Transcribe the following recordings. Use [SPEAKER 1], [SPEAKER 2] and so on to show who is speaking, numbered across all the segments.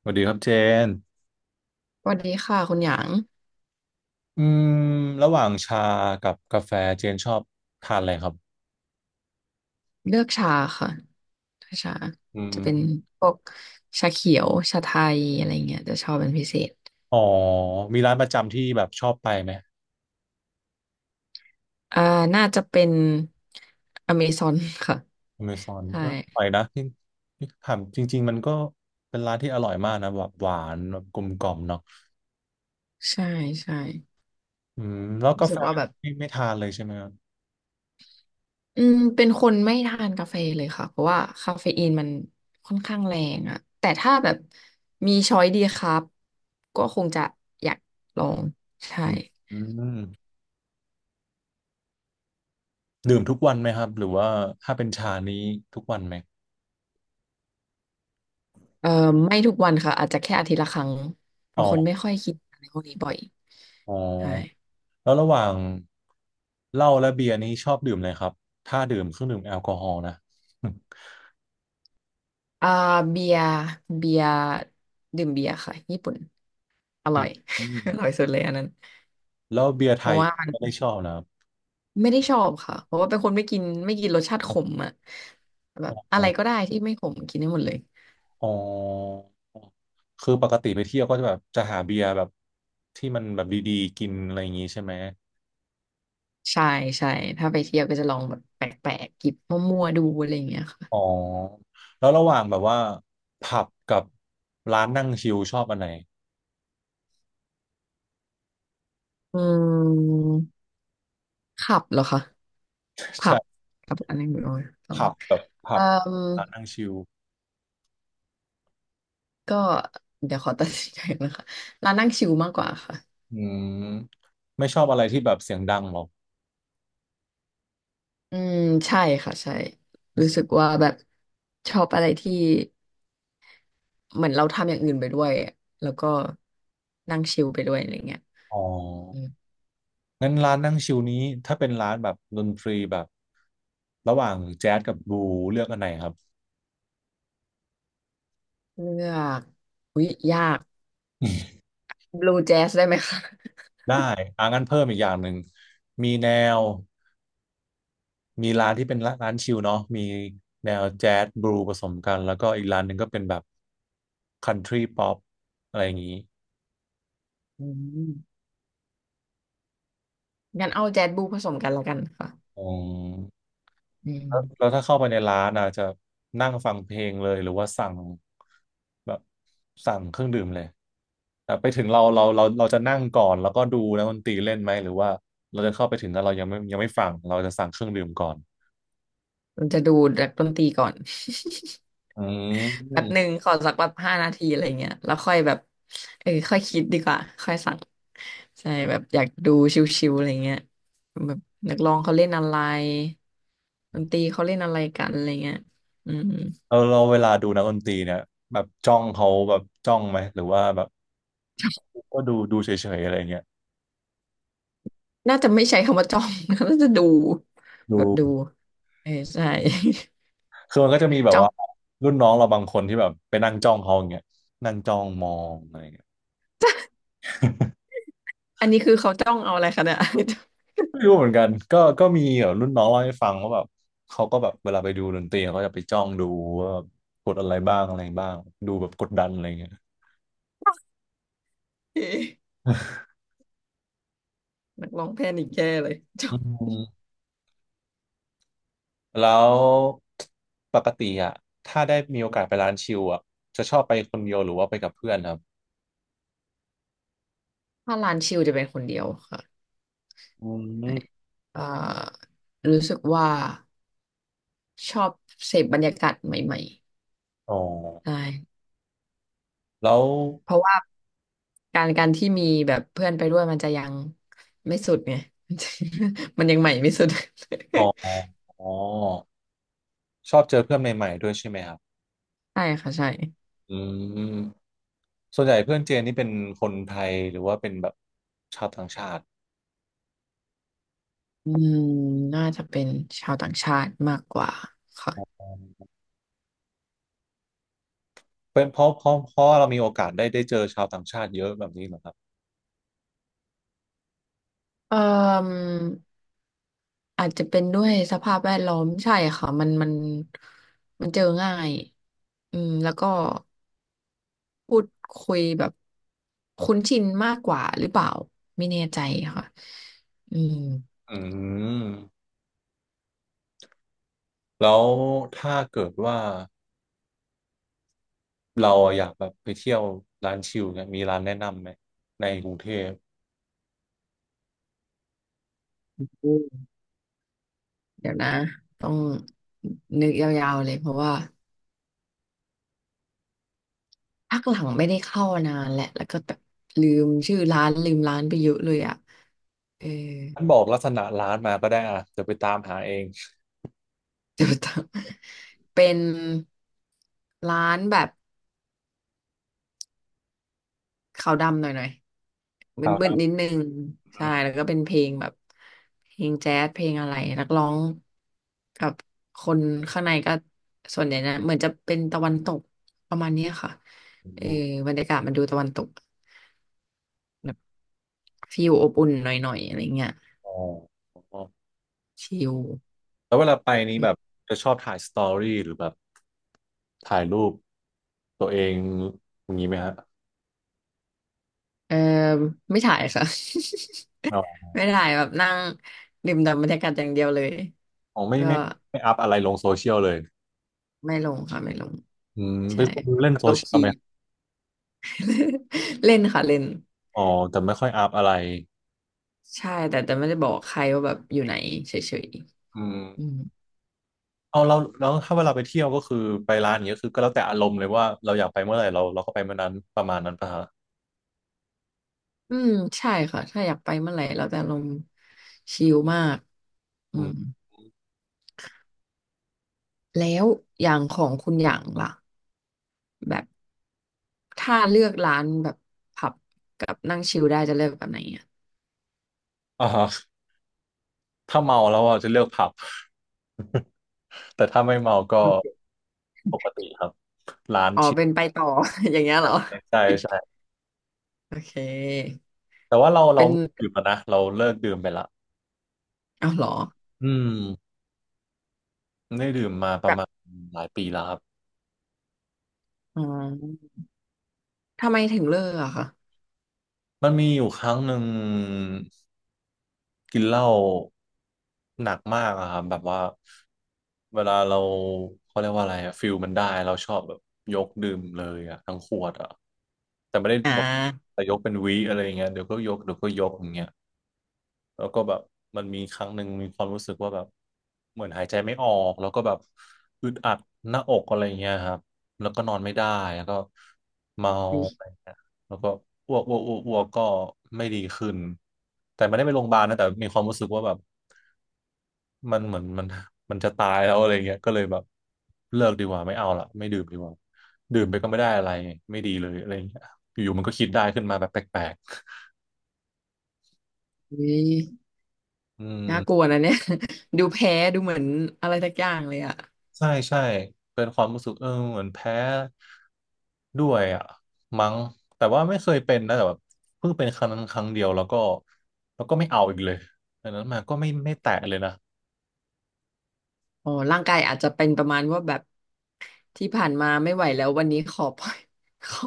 [SPEAKER 1] สวัสดีครับเจน
[SPEAKER 2] สวัสดีค่ะคุณหยาง
[SPEAKER 1] อืมระหว่างชากับกาแฟเจนชอบทานอะไรครับ
[SPEAKER 2] เลือกชาค่ะชา
[SPEAKER 1] อืม
[SPEAKER 2] จะเป็นพวกชาเขียวชาไทยอะไรเงี้ยจะชอบเป็นพิเศษ
[SPEAKER 1] อ๋อมีร้านประจำที่แบบชอบไปไหม
[SPEAKER 2] อ่าน่าจะเป็นอเมซอนค่ะ
[SPEAKER 1] อเมซอน
[SPEAKER 2] ใช่
[SPEAKER 1] เอออร่อยนะที่ที่ถามจริงๆมันก็เป็นร้านที่อร่อยมากนะแบบหวานแบบกลมกล่อมเนาะ
[SPEAKER 2] ใช่ใช่
[SPEAKER 1] อืมแล้ว
[SPEAKER 2] รู้
[SPEAKER 1] กา
[SPEAKER 2] สึ
[SPEAKER 1] แฟ
[SPEAKER 2] กว่าแบบ
[SPEAKER 1] ไม่ทานเลยใช่ไหมครับ
[SPEAKER 2] เป็นคนไม่ทานกาแฟเลยค่ะเพราะว่าคาเฟอีนมันค่อนข้างแรงอะแต่ถ้าแบบมีช้อยดีครับก็คงจะอยากลองใช่
[SPEAKER 1] อืมอืมดื่มทุกวันไหมครับหรือว่าถ้าเป็นชานี้ทุกวันไหม
[SPEAKER 2] เอ่อไม่ทุกวันค่ะอาจจะแค่อาทิตย์ละครั้งเพ
[SPEAKER 1] อ๋
[SPEAKER 2] ราะคน
[SPEAKER 1] อ
[SPEAKER 2] ไม่ค่อยคิดอะไรพวกนี้บ่อย
[SPEAKER 1] อ๋อ
[SPEAKER 2] ใช่
[SPEAKER 1] แล้วระหว่างเหล้าและเบียร์นี้ชอบดื่มเลยครับถ้าดื่มเครื่องดื่มแอลกอฮอล์นะ
[SPEAKER 2] อ่าเบียร์เบียร์ดื่มเบียร์ค่ะญี่ปุ่นอร่อย
[SPEAKER 1] อืม
[SPEAKER 2] อร่อยสุดเลยอันนั้น
[SPEAKER 1] แล้วเบียร์
[SPEAKER 2] เพ
[SPEAKER 1] ไท
[SPEAKER 2] ราะ
[SPEAKER 1] ย
[SPEAKER 2] ว่า
[SPEAKER 1] ไม่ได้ชอบนะครับ
[SPEAKER 2] ไม่ได้ชอบค่ะเพราะว่าเป็นคนไม่กินรสชาติขมอ่ะแบบอะ
[SPEAKER 1] อ๋
[SPEAKER 2] ไร
[SPEAKER 1] อ
[SPEAKER 2] ก็ได้ที่ไม่ขมกินได้หมดเลย
[SPEAKER 1] อ๋อคือปกติไปเที่ยวก็จะแบบจะหาเบียร์แบบที่มันแบบดีๆกินอะไรอย่างงี้ใช่ไหม
[SPEAKER 2] ใช่ใช่ถ้าไปเที่ยวก็จะลองแบบแปลกๆกิบมั่วๆดูอะไรอย่างเงี้ยค่ะ
[SPEAKER 1] อ๋อแล้วระหว่างแบบว่าผับกับร้านนั่งชิลชอบอันไหน
[SPEAKER 2] อืมขับเหรอคะ ผับ
[SPEAKER 1] ใช่
[SPEAKER 2] ขับอันนี้ไม่รู้ต้อง
[SPEAKER 1] ผับแบบผั
[SPEAKER 2] เอ่
[SPEAKER 1] บ
[SPEAKER 2] อ
[SPEAKER 1] ร้านนั่งชิล
[SPEAKER 2] ก็เดี๋ยวขอ ตัดสินใจนะคะร้านนั่งชิลมากกว่าค่ะ
[SPEAKER 1] อืมไม่ชอบอะไรที่แบบเสียงดังหรอก
[SPEAKER 2] อืมใช่ค่ะใช่รู้สึกว่าแบบชอบอะไรที่เหมือนเราทำอย่างอื่นไปด้วยแล้วก็นั่งชิลไปด้วยอะไรเงี้ย
[SPEAKER 1] อ๋อ
[SPEAKER 2] อืม
[SPEAKER 1] งั้นร้านนั่งชิลนี้ถ้าเป็นร้านแบบดนตรีแบบระหว่างแจ๊สกับบลูเลือกอันไหนครับ
[SPEAKER 2] เลือกอุ๊ยยาก บลูแจ๊สได้ไหมคะ
[SPEAKER 1] ได้อ่างั้นเพิ่มอีกอย่างหนึ่งมีแนวมีร้านที่เป็นร้านชิลเนาะมีแนวแจ๊สบลูผสมกันแล้วก็อีกร้านหนึ่งก็เป็นแบบคันทรีป๊อปอะไรอย่างนี้
[SPEAKER 2] อืมงั้นเอาแจ๊สบลูผสมกันแล้วกันค่ะ
[SPEAKER 1] อืม
[SPEAKER 2] อืม
[SPEAKER 1] แล้วถ้าเข้าไปในร้านอ่ะจะนั่งฟังเพลงเลยหรือว่าสั่งแบบสั่งเครื่องดื่มเลยแต่ไปถึงเราจะนั่งก่อนแล้วก็ดูนะมักดนตรีเล่นไหมหรือว่าเราจะเข้าไปถึงแล้วเรายังไม่ฟังเราจะสั่งเครื่องดื่มก่อน
[SPEAKER 2] มันจะดูดนักดนตรีก่อน
[SPEAKER 1] อื
[SPEAKER 2] แบบห
[SPEAKER 1] ม
[SPEAKER 2] นึ่งขอสักแบบ5 นาทีอะไรเงี้ยแล้วค่อยแบบค่อยคิดดีกว่าค่อยสั่งใช่แบบอยากดูชิวๆอะไรเงี้ยแบบนักร้องเขาเล่นอะไรดนตรีเขาเล่นอะไรกันอะไรเงี้ยอืม
[SPEAKER 1] เออเราเวลาดูนักดนตรีเนี่ยแบบจ้องเขาแบบจ้องไหมหรือว่าแบบก็ดูเฉยๆอะไรเงี้ย
[SPEAKER 2] น่าจะไม่ใช้คำว่าจ้อง น่าจะดูแบ
[SPEAKER 1] ดู
[SPEAKER 2] บดูเออใช่
[SPEAKER 1] คือมันก็จะมีแบ บ
[SPEAKER 2] จ้อง
[SPEAKER 1] ว่ารุ่นน้องเราบางคนที่แบบไปนั่งจ้องเขาอย่างเงี้ยนั่งจ้องมองอะไรเงี้ย
[SPEAKER 2] อันนี้คือเขาจ้องเอาอะไรคะเนี่ย
[SPEAKER 1] ไม่รู้เหมือนกันก็มีแบบรุ่นน้องเล่าให้ฟังว่าแบบเขาก็แบบเวลาไปดูดนตรีเขาจะไปจ้องดูว่ากดอะไรบ้างอะไรบ้างดูแบบกดดันอะไรเงี้ย
[SPEAKER 2] เอ๊ะ นักร้องแพนิคแย่เลยจ้อ
[SPEAKER 1] อื
[SPEAKER 2] ง
[SPEAKER 1] มแล้วปกติอ่ะถ้าได้มีโอกาสไปร้านชิลอ่ะจะชอบไปคนเดียวหรือว่าไปกับเพื่อนครับ
[SPEAKER 2] ถ้าร้านชิลจะเป็นคนเดียวค่ะ
[SPEAKER 1] อืม
[SPEAKER 2] เอ่อรู้สึกว่า ชอบเสพบรรยากาศใหม่
[SPEAKER 1] อ๋อ
[SPEAKER 2] ๆใช่
[SPEAKER 1] แล้ว
[SPEAKER 2] เพราะว่าการที่มีแบบเพื่อนไปด้วยมันจะยังไม่สุดไง มันจะมันยังใหม่ไม่สุด
[SPEAKER 1] อ๋ออ๋อชอบเจอเพื่อนใหม่ๆด้วยใช่ไหมครับ
[SPEAKER 2] ใช่ค่ะใช่
[SPEAKER 1] อืมส่วนใหญ่เพื่อนเจนนี่เป็นคนไทยหรือว่าเป็นแบบชาวต่างชาติ
[SPEAKER 2] อืมน่าจะเป็นชาวต่างชาติมากกว่าค่ะ
[SPEAKER 1] เป็นเพราะเรามีโอกาสได้เจอชาวต่างชาติเยอะแบบนี้เหรอครับ
[SPEAKER 2] เอ่ออาจจะเป็นด้วยสภาพแวดล้อมใช่ค่ะมันเจอง่ายอืมแล้วก็พูดคุยแบบคุ้นชินมากกว่าหรือเปล่าไม่แน่ใจค่ะอืม
[SPEAKER 1] อืมแล้วถ้าเกิดว่าเราอยากแบบไปเที่ยวร้านชิลเนี่ยมีร้านแนะนำไหมในกรุงเทพ
[SPEAKER 2] เดี๋ยวนะต้องนึกยาวๆเลยเพราะว่าพักหลังไม่ได้เข้านานแหละแล้วก็แบบลืมชื่อร้านลืมร้านไปเยอะเลยอ่ะเออ
[SPEAKER 1] ท่านบอกลักษณะร้านมาก็ได้อ่ะจะไปตามหาเอง
[SPEAKER 2] เดี๋ยวต้องเป็นร้านแบบขาวดำหน่อยๆ
[SPEAKER 1] ค
[SPEAKER 2] มื
[SPEAKER 1] รั
[SPEAKER 2] ด
[SPEAKER 1] บ
[SPEAKER 2] ๆนิดนึงใช่แล้วก็เป็นเพลงแบบเพลงแจ๊สเพลงอะไรนักร้องกับคนข้างในก็ส่วนใหญ่นะเหมือนจะเป็นตะวันตกประมาณเนี้ยค่ะ
[SPEAKER 1] อื
[SPEAKER 2] เออ
[SPEAKER 1] ม
[SPEAKER 2] บรรยากาศมันดูตะวันตก ฟิลอบอุ่นหน่อยๆอะไรเงี้ย
[SPEAKER 1] อ๋อ
[SPEAKER 2] ชิล
[SPEAKER 1] แล้วเวลาไปนี้แบบจะชอบถ่ายสตอรี่หรือแบบถ่ายรูปตัวเองอย่างนี้ไหมฮะ
[SPEAKER 2] เออไม่ถ่ายค่ะ
[SPEAKER 1] อ
[SPEAKER 2] ไม่ถ่ายแบบนั่งดื่มด่ำบรรยากาศอย่างเดียวเลย
[SPEAKER 1] อ๋อไม่
[SPEAKER 2] ก็
[SPEAKER 1] ไม่ไม่อัพอะไรลงโซเชียลเลย
[SPEAKER 2] ไม่ลงค่ะไม่ลง
[SPEAKER 1] อืมเป็
[SPEAKER 2] ใช่
[SPEAKER 1] นคน
[SPEAKER 2] แบบ
[SPEAKER 1] เล่นโซ
[SPEAKER 2] โล
[SPEAKER 1] เชียล
[SPEAKER 2] คี
[SPEAKER 1] ไหม
[SPEAKER 2] เล่นค่ะเล่น
[SPEAKER 1] อ๋อแต่ไม่ค่อยอัพอะไร
[SPEAKER 2] ใช่แต่ไม่ได้บอกใครว่าแบบอยู่ไหนเฉย
[SPEAKER 1] อืม
[SPEAKER 2] ๆอืม
[SPEAKER 1] เอาเราแล้วถ้าเวลาไปเที่ยวก็คือไปร้านอย่างเงี้ยคือก็แล้วแต่อารมณ์เลยว่าเราอยากไปเมื่อไหร่เราก็ไปเมื่อนั้นประมาณนั้นปะฮะ
[SPEAKER 2] อืมใช่ค่ะถ้าอยากไปเมื่อไหร่เราจะลงชิลมากอื
[SPEAKER 1] อื
[SPEAKER 2] ม
[SPEAKER 1] ม
[SPEAKER 2] แล้วอย่างของคุณอย่างล่ะแบบ ถ้าเลือกร้านแบบผับกับนั่งชิลได้จะเลือกแบบไหนอ่ะ
[SPEAKER 1] อ่าฮะถ้าเมาแล้วอ่ะจะเลือกผับ แต่ถ้าไม่เมาก็
[SPEAKER 2] โอเค
[SPEAKER 1] ปกติครับ
[SPEAKER 2] อ๋อเป็นไปต่อ อย่างเงี้ยเหรอ
[SPEAKER 1] ใช่ใช่
[SPEAKER 2] โอเค
[SPEAKER 1] แต่ว่าเรา
[SPEAKER 2] เป็น
[SPEAKER 1] ไม่ดื่มแล้วนะเราเลิกดื่มไปละ
[SPEAKER 2] เอาเหรอ
[SPEAKER 1] อืมไม่ได้ดื่มมาประ
[SPEAKER 2] แบบ
[SPEAKER 1] มาณหลายปีแล้วครับ
[SPEAKER 2] อ๋อทำไมถึงเลิกอะคะ
[SPEAKER 1] มันมีอยู่ครั้งหนึ่ง กินเหล้าหนักมากอะครับแบบว่าเวลาเราเขาเรียกว่าอะไรอะฟิลมันได้เราชอบแบบยกดื่มเลยอะทั้งขวดอะแต่ไม่ได้
[SPEAKER 2] อ่
[SPEAKER 1] หมด
[SPEAKER 2] า
[SPEAKER 1] แต่ยกเป็นวิอะไรอย่างเงี้ยเดี๋ยวก็ยกเดี๋ยวก็ยกอย่างเงี้ย แล้วก็แบบมันมีครั้งหนึ่งมีความรู้สึกว่าแบบเหมือนหายใจไม่ออกแล้วก็แบบอึดอัดหน้าอกอะไรเงี้ยครับแล้วก็นอนไม่ได้แล้วก็เมา
[SPEAKER 2] วิวย
[SPEAKER 1] อะไรเงี้ยแล้วก็อ้วกก็ไม่ดีขึ้นแต่ไม่ได้ไปโรงพยาบาลนะแต่มีความรู้สึกว่าแบบมันเหมือนมันจะตายแล้วอะไรเงี้ยก็เลยแบบเลิกดีกว่าไม่เอาละไม่ดื่มดีกว่าดื่มไปก็ไม่ได้อะไรไม่ดีเลยอะไรเงี้ยอยู่ๆมันก็คิดได้ขึ้นมาแบบแปลก
[SPEAKER 2] อุ๊ย
[SPEAKER 1] ๆอืม
[SPEAKER 2] น่ากลัวนะเนี่ย ดูแพ้ดูเหมือนอะไรสักอย่างเลยอะ
[SPEAKER 1] ใช่ใช่เป็นความรู้สึกเออเหมือนแพ้ด้วยอ่ะมั้งแต่ว่าไม่เคยเป็นนะแต่แบบเพิ่งเป็นครั้งนั้นครั้งเดียวแล้วก็ไม่เอาอีกเลยดังนั้นมาก็ไม่แตะเลยนะ
[SPEAKER 2] อ๋อร่างกายอาจจะเป็นประมาณว่าแบบที่ผ่านมาไม่ไหวแล้ววันนี้ขอปล่อย ขอ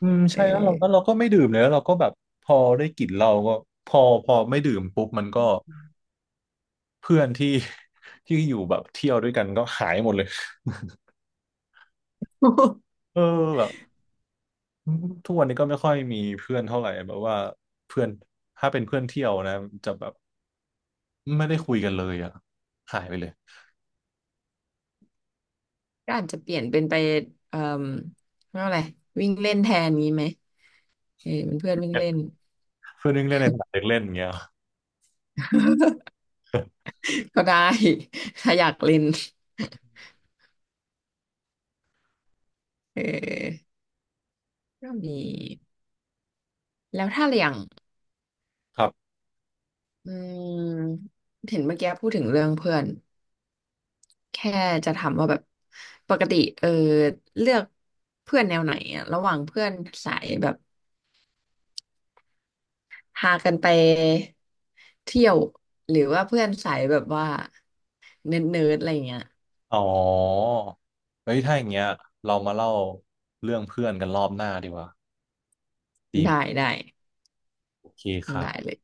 [SPEAKER 1] อืม
[SPEAKER 2] เอ
[SPEAKER 1] ใช่
[SPEAKER 2] อ
[SPEAKER 1] แล้วเราก็ไม่ดื่มเลยแล้วเราก็แบบพอได้กลิ่นเราก็พอไม่ดื่มปุ๊บมันก็เพื่อนที่ ที่อยู่แบบเที่ยวด้วยกันก็หายหมดเลย เออแบบทุกวันนี้ก็ไม่ค่อยมีเพื่อนเท่าไหร่แบบว่าเพื่อนถ้าเป็นเพื่อนเที่ยวนะจะแบบ ไม่ได้คุยกันเลยอ่ะหายไปเลย
[SPEAKER 2] ก็อาจจะเปลี่ยนเป็นไปเอ่อเรียกว่าอะไรวิ่งเล่นแทนนี้ไหม เออเป็นเพื่อนวิ่งเล่น
[SPEAKER 1] เพื่อนนึงเล่นในสนามเด็กเล่นอย่างเงี้ย
[SPEAKER 2] ก็ได้ถ้าอยากเล่นเออก็มีแล้วถ้าอย่าง
[SPEAKER 1] ครับ
[SPEAKER 2] อืมเห็นเมื่อกี้พูดถึงเรื่องเพื่อนแค่จะถามว่าแบบปกติเลือกเพื่อนแนวไหนอะระหว่างเพื่อนสายแบบพากันไปเที่ยวหรือว่าเพื่อนสายแบบว่าเนิร์ดๆอะไรเงี้ย
[SPEAKER 1] อ๋อเฮ้ยถ้าอย่างเงี้ยเรามาเล่าเรื่องเพื่อนกันรอบหน้าดีกว่าดีไหม
[SPEAKER 2] ได้ได้
[SPEAKER 1] โอเคครั
[SPEAKER 2] ได้เล
[SPEAKER 1] บ
[SPEAKER 2] ย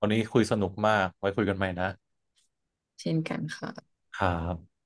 [SPEAKER 1] วันนี้คุยสนุกมาก ไว้คุยกันใหม่นะ
[SPEAKER 2] เช่นกันค่ะ
[SPEAKER 1] ครับ